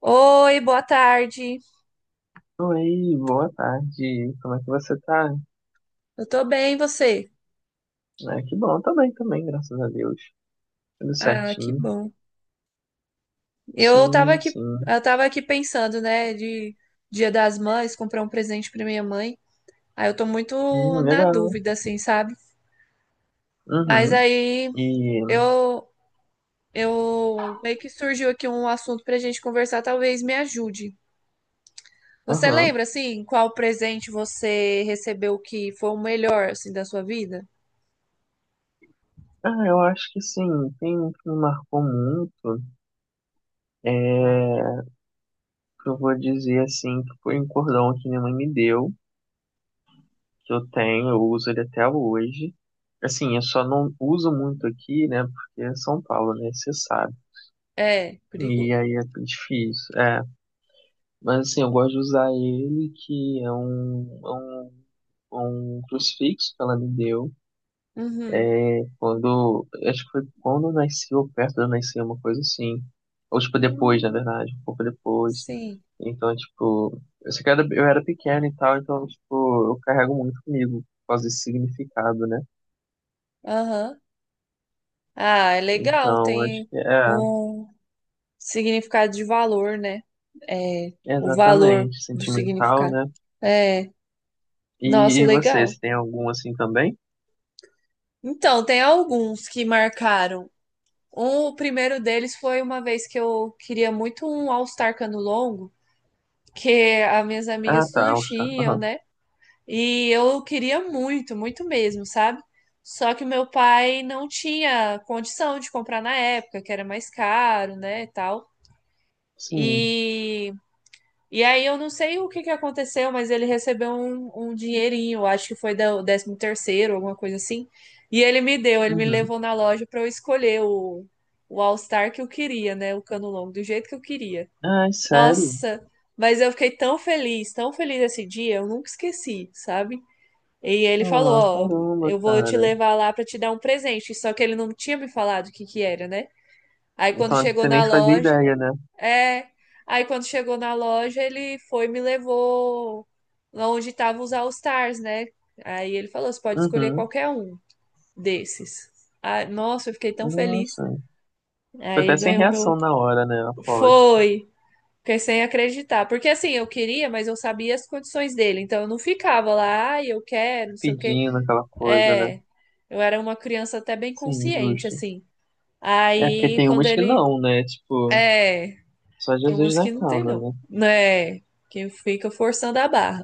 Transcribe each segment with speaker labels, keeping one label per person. Speaker 1: Oi, boa tarde.
Speaker 2: Oi, boa tarde. Como é que você tá?
Speaker 1: Eu tô bem, e você?
Speaker 2: Ah, que bom, também, graças a Deus. Tudo
Speaker 1: Ah, que
Speaker 2: certinho.
Speaker 1: bom. Eu tava
Speaker 2: Sim,
Speaker 1: aqui,
Speaker 2: sim.
Speaker 1: eu tava aqui pensando, né, de Dia das Mães, comprar um presente pra minha mãe. Aí eu tô muito na
Speaker 2: Legal.
Speaker 1: dúvida, assim, sabe? Mas
Speaker 2: Uhum.
Speaker 1: aí
Speaker 2: E,
Speaker 1: eu, eu meio que surgiu aqui um assunto pra gente conversar, talvez me ajude. Você
Speaker 2: aham.
Speaker 1: lembra, assim, qual presente você recebeu que foi o melhor, assim, da sua vida?
Speaker 2: Ah, eu acho que sim, tem um que me marcou muito. É, que eu vou dizer assim, que foi um cordão que minha mãe me deu, que eu tenho, eu uso ele até hoje. Assim, eu só não uso muito aqui, né? Porque é São Paulo, né? Você sabe.
Speaker 1: É,
Speaker 2: E
Speaker 1: perigoso.
Speaker 2: aí é difícil. É. Mas assim, eu gosto de usar ele, que é um crucifixo que ela me deu.
Speaker 1: Uhum.
Speaker 2: Quando, acho que foi quando eu nasci, ou perto de eu nascer, uma coisa assim. Ou, tipo, depois, na
Speaker 1: Hum,
Speaker 2: verdade, um pouco depois.
Speaker 1: sim.
Speaker 2: Então, tipo, eu sei que eu era pequeno e tal, então, tipo, eu carrego muito comigo por causa desse significado, né?
Speaker 1: Aham. Ah, é legal,
Speaker 2: Então, acho
Speaker 1: tem
Speaker 2: que
Speaker 1: um significado de valor, né? É,
Speaker 2: é
Speaker 1: o valor
Speaker 2: exatamente,
Speaker 1: do
Speaker 2: sentimental,
Speaker 1: significado.
Speaker 2: né?
Speaker 1: É,
Speaker 2: E,
Speaker 1: nossa,
Speaker 2: e você,
Speaker 1: legal.
Speaker 2: você tem algum assim também?
Speaker 1: Então, tem alguns que marcaram. Um, o primeiro deles foi uma vez que eu queria muito um All-Star cano longo, que as minhas
Speaker 2: Ah,
Speaker 1: amigas
Speaker 2: tá,
Speaker 1: tudo
Speaker 2: All Star.
Speaker 1: tinham,
Speaker 2: Aham.
Speaker 1: né? E eu queria muito, muito mesmo, sabe? Só que meu pai não tinha condição de comprar na época, que era mais caro, né, e tal.
Speaker 2: Sim.
Speaker 1: E E aí eu não sei o que que aconteceu, mas ele recebeu um dinheirinho, acho que foi o 13º terceiro, alguma coisa assim. E ele me deu, ele me
Speaker 2: Uhum.
Speaker 1: levou na loja para eu escolher o All-Star que eu queria, né? O cano longo, do jeito que eu queria.
Speaker 2: Ai, sério?
Speaker 1: Nossa, mas eu fiquei tão feliz esse dia, eu nunca esqueci, sabe? E ele
Speaker 2: Ah,
Speaker 1: falou, ó,
Speaker 2: caramba,
Speaker 1: eu vou te
Speaker 2: cara.
Speaker 1: levar lá para te dar um presente. Só que ele não tinha me falado o que que era, né? Aí quando
Speaker 2: Então,
Speaker 1: chegou
Speaker 2: você
Speaker 1: na
Speaker 2: nem fazia
Speaker 1: loja,
Speaker 2: ideia, né?
Speaker 1: é. Aí quando chegou na loja, ele foi e me levou lá onde estavam os All Stars, né? Aí ele falou: você pode escolher
Speaker 2: Uhum.
Speaker 1: qualquer um desses. Ah, nossa, eu fiquei tão feliz.
Speaker 2: Nossa. Ficou
Speaker 1: Aí
Speaker 2: até sem
Speaker 1: ganhou meu.
Speaker 2: reação na hora, né? Aposto.
Speaker 1: Foi! Fiquei sem acreditar. Porque assim, eu queria, mas eu sabia as condições dele. Então eu não ficava lá, ai, eu quero, não sei o quê.
Speaker 2: Pedindo aquela coisa, né?
Speaker 1: É. Eu era uma criança até bem
Speaker 2: Sim,
Speaker 1: consciente,
Speaker 2: justo.
Speaker 1: assim.
Speaker 2: É porque
Speaker 1: Aí
Speaker 2: tem
Speaker 1: quando
Speaker 2: umas que
Speaker 1: ele.
Speaker 2: não, né? Tipo,
Speaker 1: É.
Speaker 2: só
Speaker 1: Tem
Speaker 2: Jesus
Speaker 1: umas
Speaker 2: na
Speaker 1: que não tem,
Speaker 2: causa,
Speaker 1: não.
Speaker 2: né?
Speaker 1: Né? Que fica forçando a barra.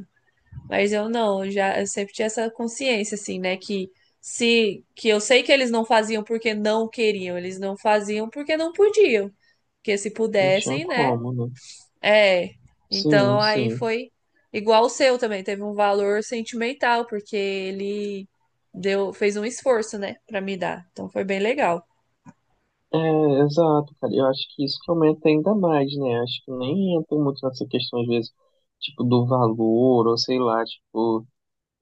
Speaker 1: Mas eu não, eu sempre tinha essa consciência, assim, né? Que se que eu sei que eles não faziam porque não queriam, eles não faziam porque não podiam. Porque se
Speaker 2: Não tinha
Speaker 1: pudessem, né?
Speaker 2: como, né?
Speaker 1: É. Então
Speaker 2: Sim,
Speaker 1: aí
Speaker 2: sim.
Speaker 1: foi igual o seu também, teve um valor sentimental, porque ele deu, fez um esforço, né, pra me dar. Então foi bem legal.
Speaker 2: É, exato, cara. Eu acho que isso que aumenta ainda mais, né? Acho que nem entra muito nessa questão, às vezes, tipo, do valor, ou sei lá, tipo.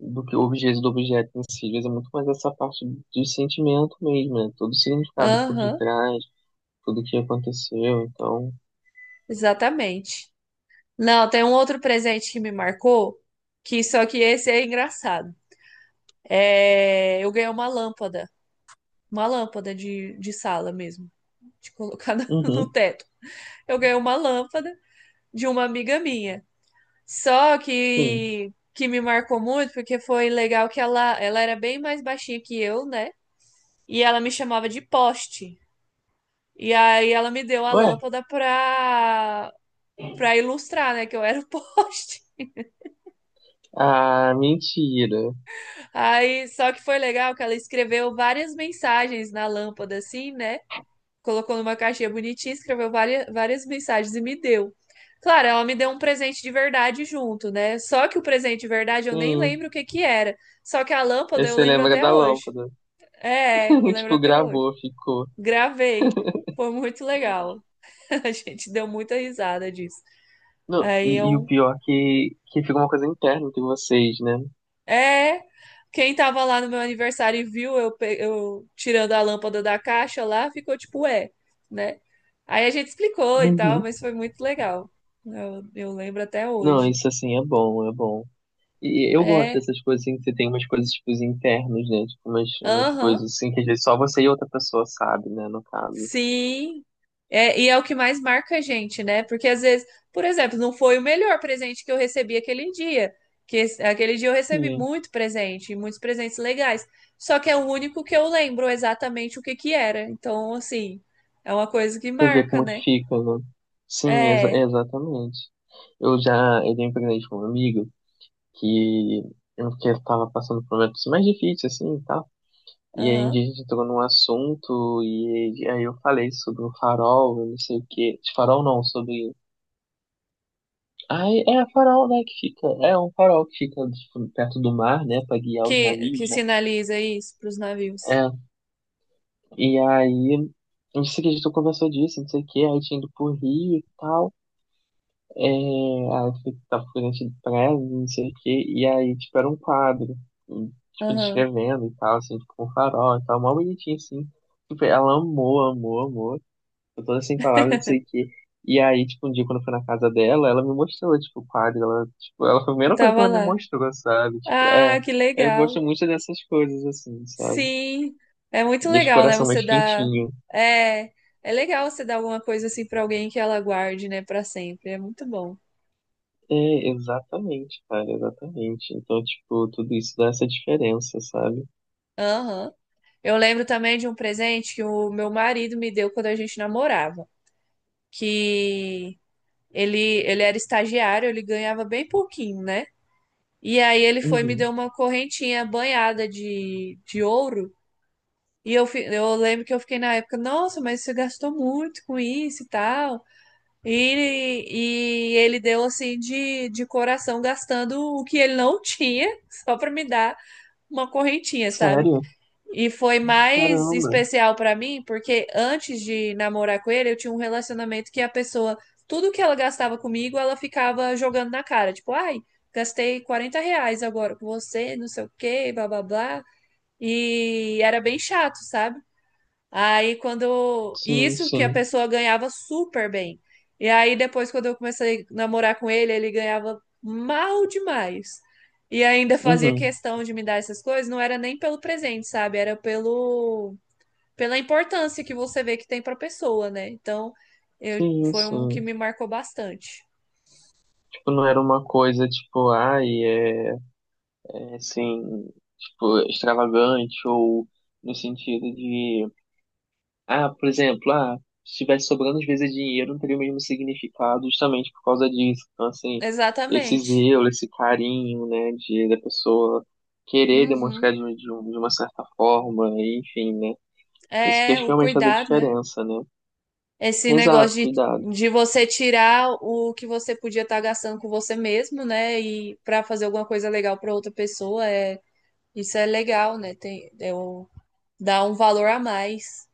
Speaker 2: Do que o objeto em si, às vezes é muito mais essa parte de sentimento mesmo, né? Todo o significado por
Speaker 1: Aham,
Speaker 2: detrás, tudo que aconteceu, então.
Speaker 1: exatamente. Não, tem um outro presente que me marcou, que só que esse é engraçado. É, eu ganhei uma lâmpada de sala mesmo, de colocar no
Speaker 2: Uhum,
Speaker 1: teto. Eu ganhei uma lâmpada de uma amiga minha. Só
Speaker 2: sim.
Speaker 1: que me marcou muito porque foi legal que ela era bem mais baixinha que eu, né? E ela me chamava de poste. E aí ela me deu a
Speaker 2: Ué,
Speaker 1: lâmpada pra para ilustrar, né, que eu era o poste.
Speaker 2: ah, mentira.
Speaker 1: Aí, só que foi legal que ela escreveu várias mensagens na lâmpada, assim, né? Colocou numa caixinha bonitinha, escreveu várias, várias mensagens e me deu. Claro, ela me deu um presente de verdade junto, né? Só que o presente de verdade eu nem
Speaker 2: Sim.
Speaker 1: lembro o que que era. Só que a
Speaker 2: Aí
Speaker 1: lâmpada eu
Speaker 2: você
Speaker 1: lembro
Speaker 2: lembra
Speaker 1: até
Speaker 2: da
Speaker 1: hoje.
Speaker 2: lâmpada.
Speaker 1: É, eu lembro
Speaker 2: Tipo,
Speaker 1: até hoje.
Speaker 2: gravou, ficou.
Speaker 1: Gravei. Foi muito legal. A gente deu muita risada disso.
Speaker 2: Não,
Speaker 1: Aí é
Speaker 2: e o
Speaker 1: um.
Speaker 2: pior é que fica uma coisa interna entre vocês, né?
Speaker 1: É, quem tava lá no meu aniversário e viu eu, eu tirando a lâmpada da caixa lá, ficou tipo, ué, né? Aí a gente explicou e tal,
Speaker 2: Uhum.
Speaker 1: mas foi muito legal. Eu lembro até
Speaker 2: Não,
Speaker 1: hoje.
Speaker 2: isso assim é bom, é bom. E eu gosto
Speaker 1: É,
Speaker 2: dessas coisas assim, que você tem umas coisas tipo internas, né? Tipo, umas
Speaker 1: aham.
Speaker 2: coisas assim que às vezes só você e outra pessoa sabe, né? No caso.
Speaker 1: Sim, é, e é o que mais marca a gente, né? Porque às vezes, por exemplo, não foi o melhor presente que eu recebi aquele dia, que aquele dia eu recebi
Speaker 2: E
Speaker 1: muito presente, muitos presentes legais, só que é o único que eu lembro exatamente o que que era. Então, assim, é uma coisa que
Speaker 2: você vê
Speaker 1: marca,
Speaker 2: como que
Speaker 1: né?
Speaker 2: fica, né? Sim, é
Speaker 1: É,
Speaker 2: exatamente. Eu já, eu dei um presente com um amigo que eu que estava passando por momentos mais difíceis, assim, tá. E aí um
Speaker 1: aham.
Speaker 2: dia a gente entrou num assunto e aí eu falei sobre o farol, eu não sei o quê. De farol não, sobre. Aí é a farol, né, que fica. É um farol que fica tipo, perto do mar, né, pra guiar os
Speaker 1: Que
Speaker 2: navios, né?
Speaker 1: sinaliza isso para os navios.
Speaker 2: É. E aí, não sei que a gente conversou disso, não sei o quê, aí tinha ido pro Rio e tal. É, tava frente do prédio, não sei o quê. E aí, tipo, era um quadro, e, tipo,
Speaker 1: Aham,
Speaker 2: descrevendo e tal, assim, tipo, com farol e tal, mó bonitinho, assim. Tipo, ela amou, amou, amou. Eu tô sem palavras, não sei o quê. E aí, tipo, um dia quando eu fui na casa dela, ela me mostrou, tipo, o quadro. Ela, tipo, ela foi a
Speaker 1: que
Speaker 2: primeira coisa que
Speaker 1: tava
Speaker 2: ela me
Speaker 1: lá.
Speaker 2: mostrou, sabe? Tipo,
Speaker 1: Ah,
Speaker 2: é.
Speaker 1: que
Speaker 2: Eu
Speaker 1: legal.
Speaker 2: gosto muito dessas coisas, assim, sabe?
Speaker 1: Sim, é muito
Speaker 2: Deixa o
Speaker 1: legal, né?
Speaker 2: coração
Speaker 1: Você
Speaker 2: mais
Speaker 1: dá.
Speaker 2: quentinho.
Speaker 1: É, é legal você dar alguma coisa assim pra alguém que ela guarde, né, pra sempre. É muito bom.
Speaker 2: É, exatamente, cara, exatamente. Então, tipo, tudo isso dá essa diferença, sabe?
Speaker 1: Aham. Eu lembro também de um presente que o meu marido me deu quando a gente namorava, que ele ele era estagiário, ele ganhava bem pouquinho, né? E aí ele foi e me deu
Speaker 2: Uhum.
Speaker 1: uma correntinha banhada de ouro. E eu, eu lembro que eu fiquei na época, nossa, mas você gastou muito com isso e tal. E ele deu assim de coração, gastando o que ele não tinha, só para me dar uma correntinha, sabe?
Speaker 2: Sério?
Speaker 1: E foi mais
Speaker 2: Caramba.
Speaker 1: especial para mim, porque antes de namorar com ele, eu tinha um relacionamento que a pessoa, tudo que ela gastava comigo, ela ficava jogando na cara. Tipo, ai, gastei 40 reais agora com você, não sei o quê, blá blá blá. E era bem chato, sabe? Aí quando. E
Speaker 2: Sim,
Speaker 1: isso que a
Speaker 2: sim.
Speaker 1: pessoa ganhava super bem. E aí depois, quando eu comecei a namorar com ele, ele ganhava mal demais. E ainda fazia
Speaker 2: Uhum.
Speaker 1: questão de me dar essas coisas, não era nem pelo presente, sabe? Era pelo pela importância que você vê que tem para a pessoa, né? Então, eu
Speaker 2: Sim,
Speaker 1: foi um que
Speaker 2: sim.
Speaker 1: me marcou bastante.
Speaker 2: Tipo, não era uma coisa, tipo, ai, é. Assim, tipo, extravagante ou no sentido de, ah, por exemplo, ah, se tivesse sobrando às vezes dinheiro, não teria o mesmo significado justamente por causa disso. Então, assim, esse
Speaker 1: Exatamente.
Speaker 2: zelo, esse carinho, né, de da pessoa querer demonstrar
Speaker 1: Uhum.
Speaker 2: de uma certa forma, enfim, né? Isso que
Speaker 1: É,
Speaker 2: acho que
Speaker 1: o
Speaker 2: realmente faz a
Speaker 1: cuidado, né?
Speaker 2: diferença, né?
Speaker 1: Esse negócio
Speaker 2: Exato, cuidado.
Speaker 1: de você tirar o que você podia estar gastando com você mesmo, né? E para fazer alguma coisa legal para outra pessoa, é, isso é legal, né? Tem, dá um valor a mais.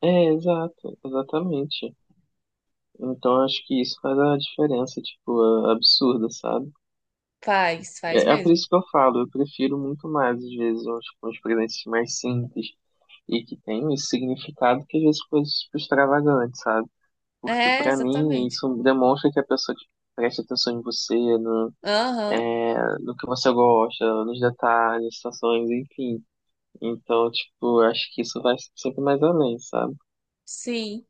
Speaker 2: É, exato, exatamente. Então, acho que isso faz a diferença, tipo, absurda, sabe?
Speaker 1: Faz, faz
Speaker 2: É, é por
Speaker 1: mesmo.
Speaker 2: isso que eu falo, eu prefiro muito mais, às vezes, uns presentes mais simples e que tem esse significado que às vezes coisas tipo, extravagantes, sabe? Porque
Speaker 1: É,
Speaker 2: pra mim
Speaker 1: exatamente.
Speaker 2: isso demonstra que a pessoa tipo, presta atenção em você,
Speaker 1: Aham,
Speaker 2: é, no que você gosta, nos detalhes, situações, enfim. Então, tipo, eu acho que isso vai sempre mais além, sabe?
Speaker 1: sim.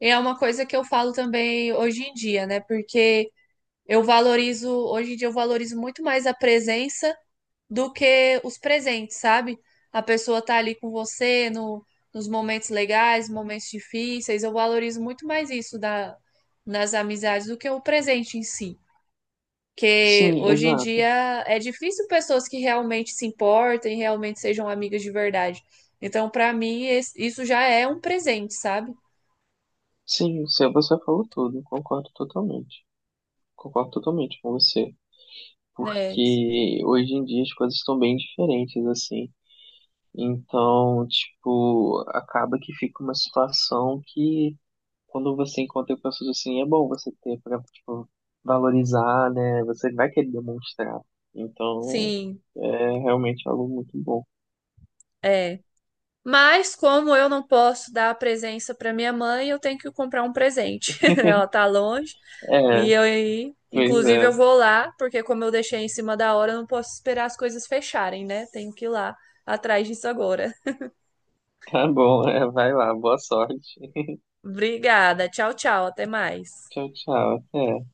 Speaker 1: E é uma coisa que eu falo também hoje em dia, né? Porque eu valorizo, hoje em dia eu valorizo muito mais a presença do que os presentes, sabe? A pessoa tá ali com você no, nos momentos legais, momentos difíceis. Eu valorizo muito mais isso da, nas amizades do que o presente em si. Porque
Speaker 2: Sim,
Speaker 1: hoje em
Speaker 2: exato.
Speaker 1: dia é difícil pessoas que realmente se importem, realmente sejam amigas de verdade. Então, pra mim, isso já é um presente, sabe?
Speaker 2: Sim, você falou tudo, concordo totalmente. Concordo totalmente com você.
Speaker 1: É,
Speaker 2: Porque hoje em dia as coisas estão bem diferentes, assim. Então, tipo, acaba que fica uma situação que quando você encontra pessoas assim, é bom você ter pra, tipo, valorizar, né? Você vai querer demonstrar. Então,
Speaker 1: sim,
Speaker 2: é realmente algo muito bom.
Speaker 1: é. Mas como eu não posso dar a presença pra minha mãe, eu tenho que comprar um presente. Ela tá longe.
Speaker 2: É,
Speaker 1: E eu, aí,
Speaker 2: pois
Speaker 1: inclusive,
Speaker 2: é.
Speaker 1: eu vou lá, porque como eu deixei em cima da hora, eu não posso esperar as coisas fecharem, né? Tenho que ir lá atrás disso agora.
Speaker 2: Tá bom, é, vai lá, boa sorte.
Speaker 1: Obrigada. Tchau, tchau. Até mais.
Speaker 2: Tchau, tchau, até.